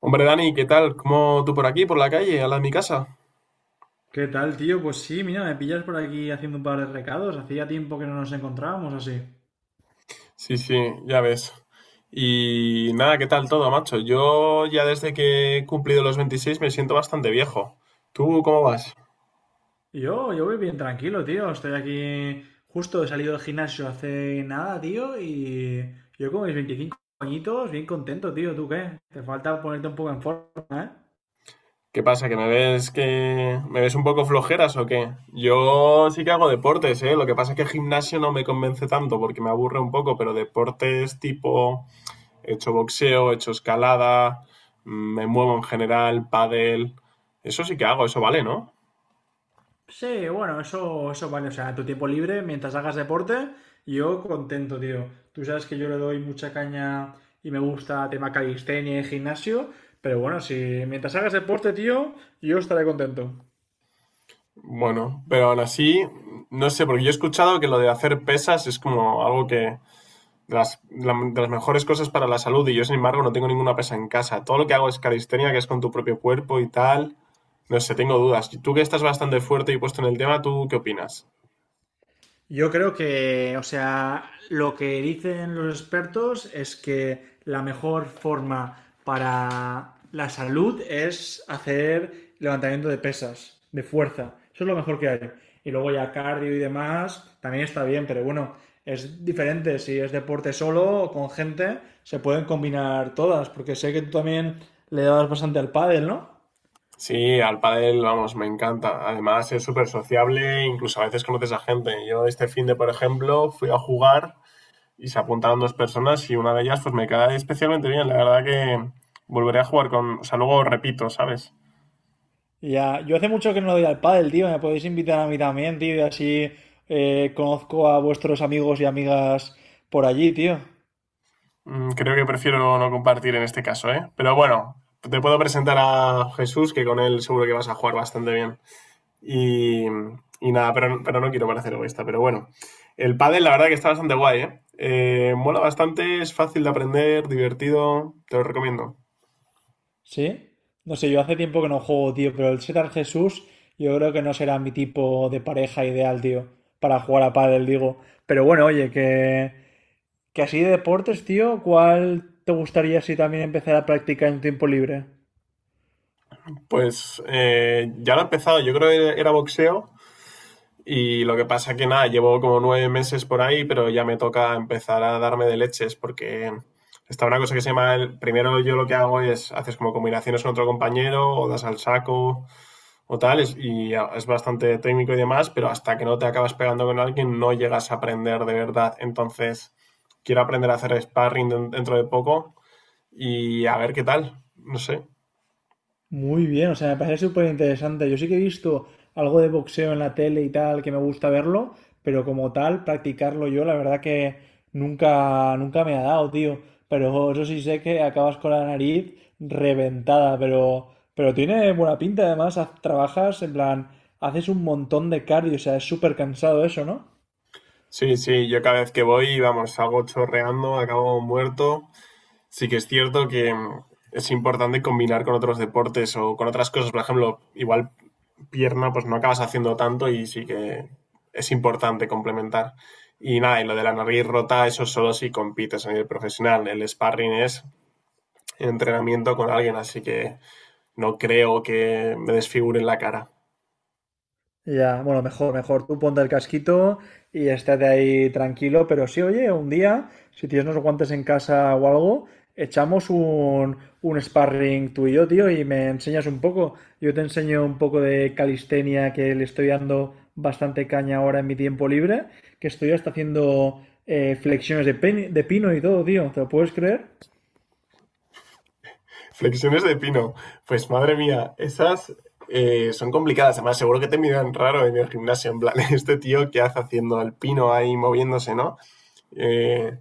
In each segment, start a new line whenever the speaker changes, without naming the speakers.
Hombre, Dani, ¿qué tal? ¿Cómo tú por aquí, por la calle, al lado de mi casa?
¿Qué tal, tío? Pues sí, mira, me pillas por aquí haciendo un par de recados. Hacía tiempo que no nos encontrábamos así.
Sí, sí, ya ves. Y nada, ¿qué tal todo, macho? Yo ya desde que he cumplido los 26 me siento bastante viejo. ¿Tú cómo vas?
Yo voy bien tranquilo, tío. Estoy aquí justo he salido del gimnasio hace nada, tío, y yo con mis 25 añitos, bien contento, tío. ¿Tú qué? Te falta ponerte un poco en forma, ¿eh?
¿Qué pasa? ¿Que me ves un poco flojeras o qué? Yo sí que hago deportes, ¿eh? Lo que pasa es que gimnasio no me convence tanto porque me aburre un poco, pero deportes tipo he hecho boxeo, he hecho escalada, me muevo en general, pádel, eso sí que hago, eso vale, ¿no?
Sí, bueno, eso vale. O sea, tu tiempo libre, mientras hagas deporte, yo contento, tío. Tú sabes que yo le doy mucha caña y me gusta tema calistenia y gimnasio, pero bueno, si mientras hagas deporte, tío, yo estaré contento.
Bueno, pero aún así, no sé, porque yo he escuchado que lo de hacer pesas es como algo que de las, de las mejores cosas para la salud y yo, sin embargo, no tengo ninguna pesa en casa. Todo lo que hago es calistenia, que es con tu propio cuerpo y tal. No sé, tengo dudas. Y tú que estás bastante fuerte y puesto en el tema, ¿tú qué opinas?
Yo creo que, o sea, lo que dicen los expertos es que la mejor forma para la salud es hacer levantamiento de pesas, de fuerza. Eso es lo mejor que hay. Y luego ya cardio y demás también está bien, pero bueno, es diferente. Si es deporte solo o con gente, se pueden combinar todas, porque sé que tú también le dabas bastante al pádel, ¿no?
Sí, al pádel, vamos, me encanta. Además, es súper sociable, incluso a veces conoces a gente. Yo este fin de, por ejemplo, fui a jugar y se apuntaron dos personas y una de ellas pues me cae especialmente bien. La verdad que volveré a jugar con. O sea, luego repito, ¿sabes?
Ya, yo hace mucho que no doy al pádel, tío. Me podéis invitar a mí también, tío. Y así conozco a vuestros amigos y amigas por allí, tío.
Creo que prefiero no compartir en este caso, ¿eh? Pero bueno, te puedo presentar a Jesús, que con él seguro que vas a jugar bastante bien. Y, y nada, pero no quiero parecer egoísta, pero bueno. El pádel la verdad que está bastante guay, ¿eh? Mola bastante, es fácil de aprender, divertido, te lo recomiendo.
¿Sí? No sé, yo hace tiempo que no juego, tío. Pero el Setar Jesús, yo creo que no será mi tipo de pareja ideal, tío. Para jugar a pádel, digo. Pero bueno, oye, que así de deportes, tío, ¿cuál te gustaría si también empezar a practicar en tiempo libre?
Pues ya lo he empezado, yo creo que era boxeo. Y lo que pasa que nada, llevo como 9 meses por ahí, pero ya me toca empezar a darme de leches porque está una cosa que se llama, primero yo lo que hago es, haces como combinaciones con otro compañero o das al saco o tal, y es bastante técnico y demás, pero hasta que no te acabas pegando con alguien no llegas a aprender de verdad. Entonces, quiero aprender a hacer sparring dentro de poco y a ver qué tal, no sé.
Muy bien, o sea, me parece súper interesante. Yo sí que he visto algo de boxeo en la tele y tal, que me gusta verlo, pero como tal, practicarlo yo, la verdad que nunca me ha dado, tío. Pero eso sí sé que acabas con la nariz reventada, pero tiene buena pinta, además, trabajas, en plan, haces un montón de cardio, o sea, es súper cansado eso, ¿no?
Sí, sí, yo cada vez que voy, vamos, salgo chorreando, acabo muerto. Sí que es cierto que es importante combinar con otros deportes o con otras cosas. Por ejemplo, igual pierna, pues no acabas haciendo tanto y sí que es importante complementar. Y nada, y lo de la nariz rota, eso solo si compites a nivel profesional. El sparring es entrenamiento con alguien, así que no creo que me desfiguren la cara.
Ya, bueno, mejor. Tú ponte el casquito y estate ahí tranquilo, pero sí, oye, un día, si tienes unos guantes en casa o algo, echamos un sparring tú y yo, tío, y me enseñas un poco. Yo te enseño un poco de calistenia que le estoy dando bastante caña ahora en mi tiempo libre, que estoy hasta haciendo flexiones de, de pino y todo, tío. ¿Te lo puedes creer?
Flexiones de pino. Pues madre mía, esas son complicadas. Además, seguro que te miran raro en el gimnasio. En plan, este tío, ¿qué hace haciendo el pino ahí moviéndose, no? Eh,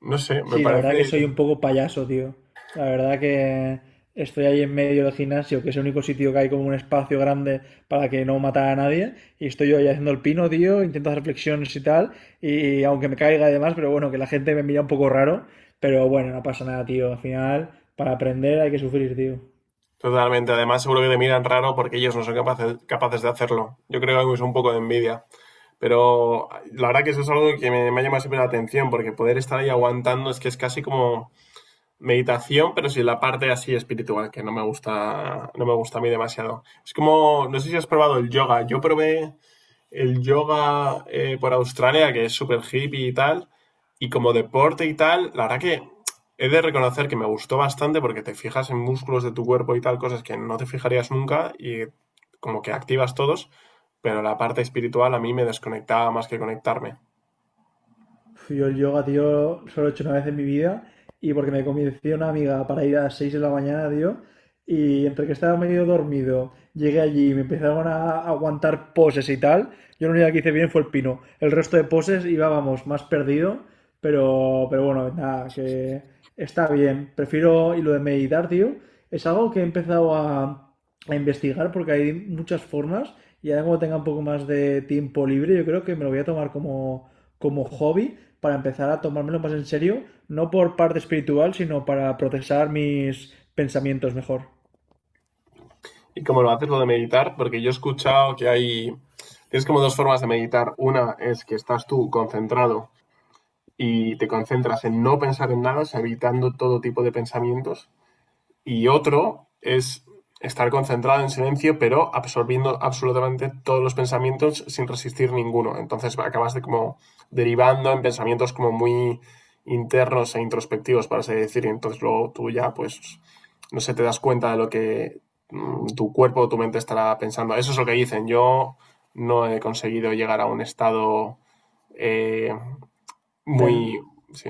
no sé, me
Sí, la verdad que
parece
soy un poco payaso, tío. La verdad que estoy ahí en medio del gimnasio, que es el único sitio que hay como un espacio grande para que no matar a nadie. Y estoy yo ahí haciendo el pino, tío, intento hacer flexiones y tal. Y aunque me caiga y demás, pero bueno, que la gente me mira un poco raro. Pero bueno, no pasa nada, tío. Al final, para aprender hay que sufrir, tío.
totalmente. Además, seguro que te miran raro porque ellos no son capaces de hacerlo. Yo creo que es un poco de envidia. Pero la verdad que eso es algo que me ha llamado siempre la atención, porque poder estar ahí aguantando es que es casi como meditación, pero sin la parte así espiritual, que no me gusta, no me gusta a mí demasiado. Es como, no sé si has probado el yoga. Yo probé el yoga por Australia, que es súper hippie y tal, y como deporte y tal, la verdad que he de reconocer que me gustó bastante porque te fijas en músculos de tu cuerpo y tal, cosas que no te fijarías nunca y como que activas todos, pero la parte espiritual a mí me desconectaba más que conectarme.
Pf, yo el yoga, tío, solo lo he hecho una vez en mi vida y porque me convenció una amiga para ir a las 6 de la mañana, tío, y entre que estaba medio dormido, llegué allí y me empezaron a aguantar poses y tal, yo lo único que hice bien fue el pino. El resto de poses iba, vamos, más perdido, pero bueno, nada, que está bien. Prefiero, y lo de meditar, tío, es algo que he empezado a investigar porque hay muchas formas y ahora como tenga un poco más de tiempo libre, yo creo que me lo voy a tomar como hobby para empezar a tomármelo más en serio, no por parte espiritual, sino para procesar mis pensamientos mejor.
Y como lo haces lo de meditar, porque yo he escuchado que hay, tienes como dos formas de meditar. Una es que estás tú concentrado y te concentras en no pensar en nada, o sea, evitando todo tipo de pensamientos. Y otro es estar concentrado en silencio, pero absorbiendo absolutamente todos los pensamientos sin resistir ninguno. Entonces acabas de como derivando en pensamientos como muy internos e introspectivos, para así decir, y entonces luego tú ya, pues, no sé, te das cuenta de lo que tu cuerpo o tu mente estará pensando. Eso es lo que dicen. Yo no he conseguido llegar a un estado eh,
Zen.
muy. Sí.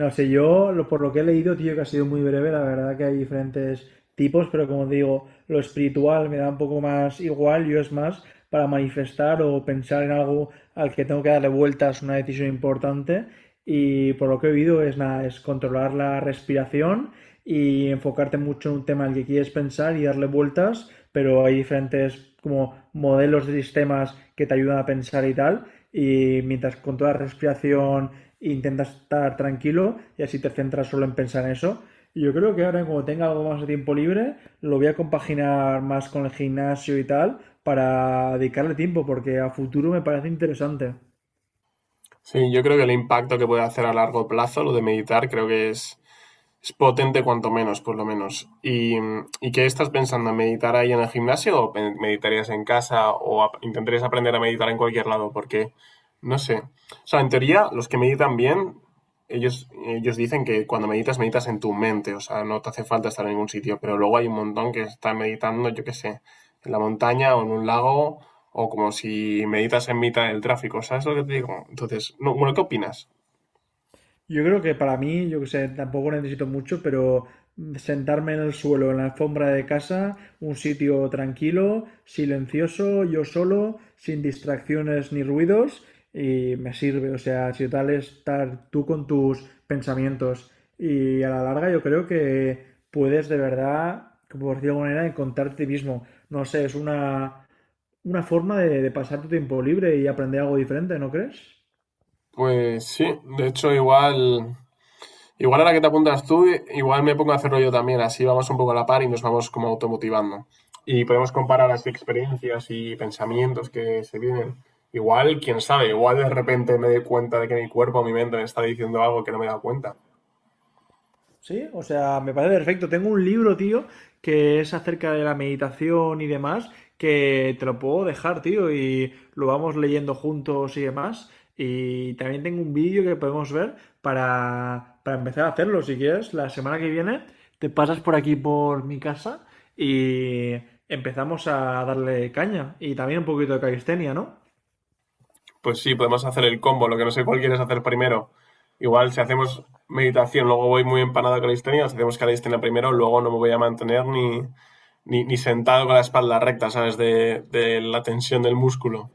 No sé, por lo que he leído, tío, que ha sido muy breve, la verdad que hay diferentes tipos, pero como digo, lo espiritual me da un poco más igual, yo es más para manifestar o pensar en algo al que tengo que darle vueltas, una decisión importante, y por lo que he oído es nada, es controlar la respiración y enfocarte mucho en un tema al que quieres pensar y darle vueltas, pero hay diferentes como modelos de sistemas que te ayudan a pensar y tal, y mientras con toda la respiración e intentas estar tranquilo y así te centras solo en pensar en eso. Y yo creo que ahora, como tenga algo más de tiempo libre, lo voy a compaginar más con el gimnasio y tal para dedicarle tiempo, porque a futuro me parece interesante.
Sí, yo creo que el impacto que puede hacer a largo plazo lo de meditar creo que es potente cuanto menos, por lo menos. ¿Y qué estás pensando? ¿Meditar ahí en el gimnasio o meditarías en casa o intentarías aprender a meditar en cualquier lado? Porque, no sé. O sea, en teoría, los que meditan bien, ellos dicen que cuando meditas, meditas en tu mente. O sea, no te hace falta estar en ningún sitio. Pero luego hay un montón que están meditando, yo qué sé, en la montaña o en un lago o como si meditas en mitad del tráfico. ¿Sabes lo que te digo? Entonces, no, bueno, ¿qué opinas?
Yo creo que para mí, yo que sé, tampoco necesito mucho, pero sentarme en el suelo, en la alfombra de casa, un sitio tranquilo, silencioso, yo solo, sin distracciones ni ruidos, y me sirve. O sea, si tal es estar tú con tus pensamientos. Y a la larga yo creo que puedes de verdad, por decirlo de alguna manera, encontrarte a ti mismo. No sé, es una forma de pasar tu tiempo libre y aprender algo diferente, ¿no crees?
Pues sí, de hecho, igual ahora que te apuntas tú, igual me pongo a hacerlo yo también, así vamos un poco a la par y nos vamos como automotivando. Y podemos comparar las experiencias y pensamientos que se vienen. Igual, quién sabe, igual de repente me doy cuenta de que mi cuerpo, mi mente me está diciendo algo que no me he dado cuenta.
Sí, o sea, me parece perfecto. Tengo un libro, tío, que es acerca de la meditación y demás, que te lo puedo dejar, tío, y lo vamos leyendo juntos y demás. Y también tengo un vídeo que podemos ver para empezar a hacerlo, si quieres. La semana que viene te pasas por aquí, por mi casa, y empezamos a darle caña. Y también un poquito de calistenia, ¿no?
Pues sí, podemos hacer el combo, lo que no sé cuál quieres hacer primero. Igual si hacemos meditación, luego voy muy empanado con la calistenia, si hacemos calistenia primero, luego no me voy a mantener ni sentado con la espalda recta, ¿sabes? De la tensión del músculo.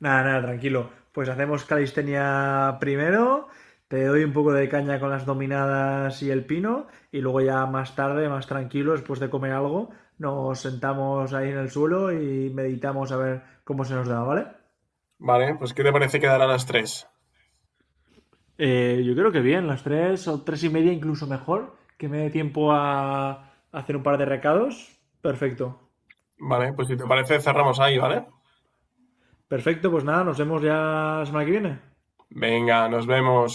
Nada, tranquilo. Pues hacemos calistenia primero, te doy un poco de caña con las dominadas y el pino, y luego ya más tarde, más tranquilo, después de comer algo, nos sentamos ahí en el suelo y meditamos a ver cómo se nos da, ¿vale?
Vale, pues ¿qué te parece quedar a las tres?
Yo creo que bien, las 3 o 3 y media incluso mejor, que me dé tiempo a hacer un par de recados. Perfecto.
Vale, pues si te parece cerramos ahí, ¿vale?
Perfecto, pues nada, nos vemos ya la semana que viene.
Venga, nos vemos.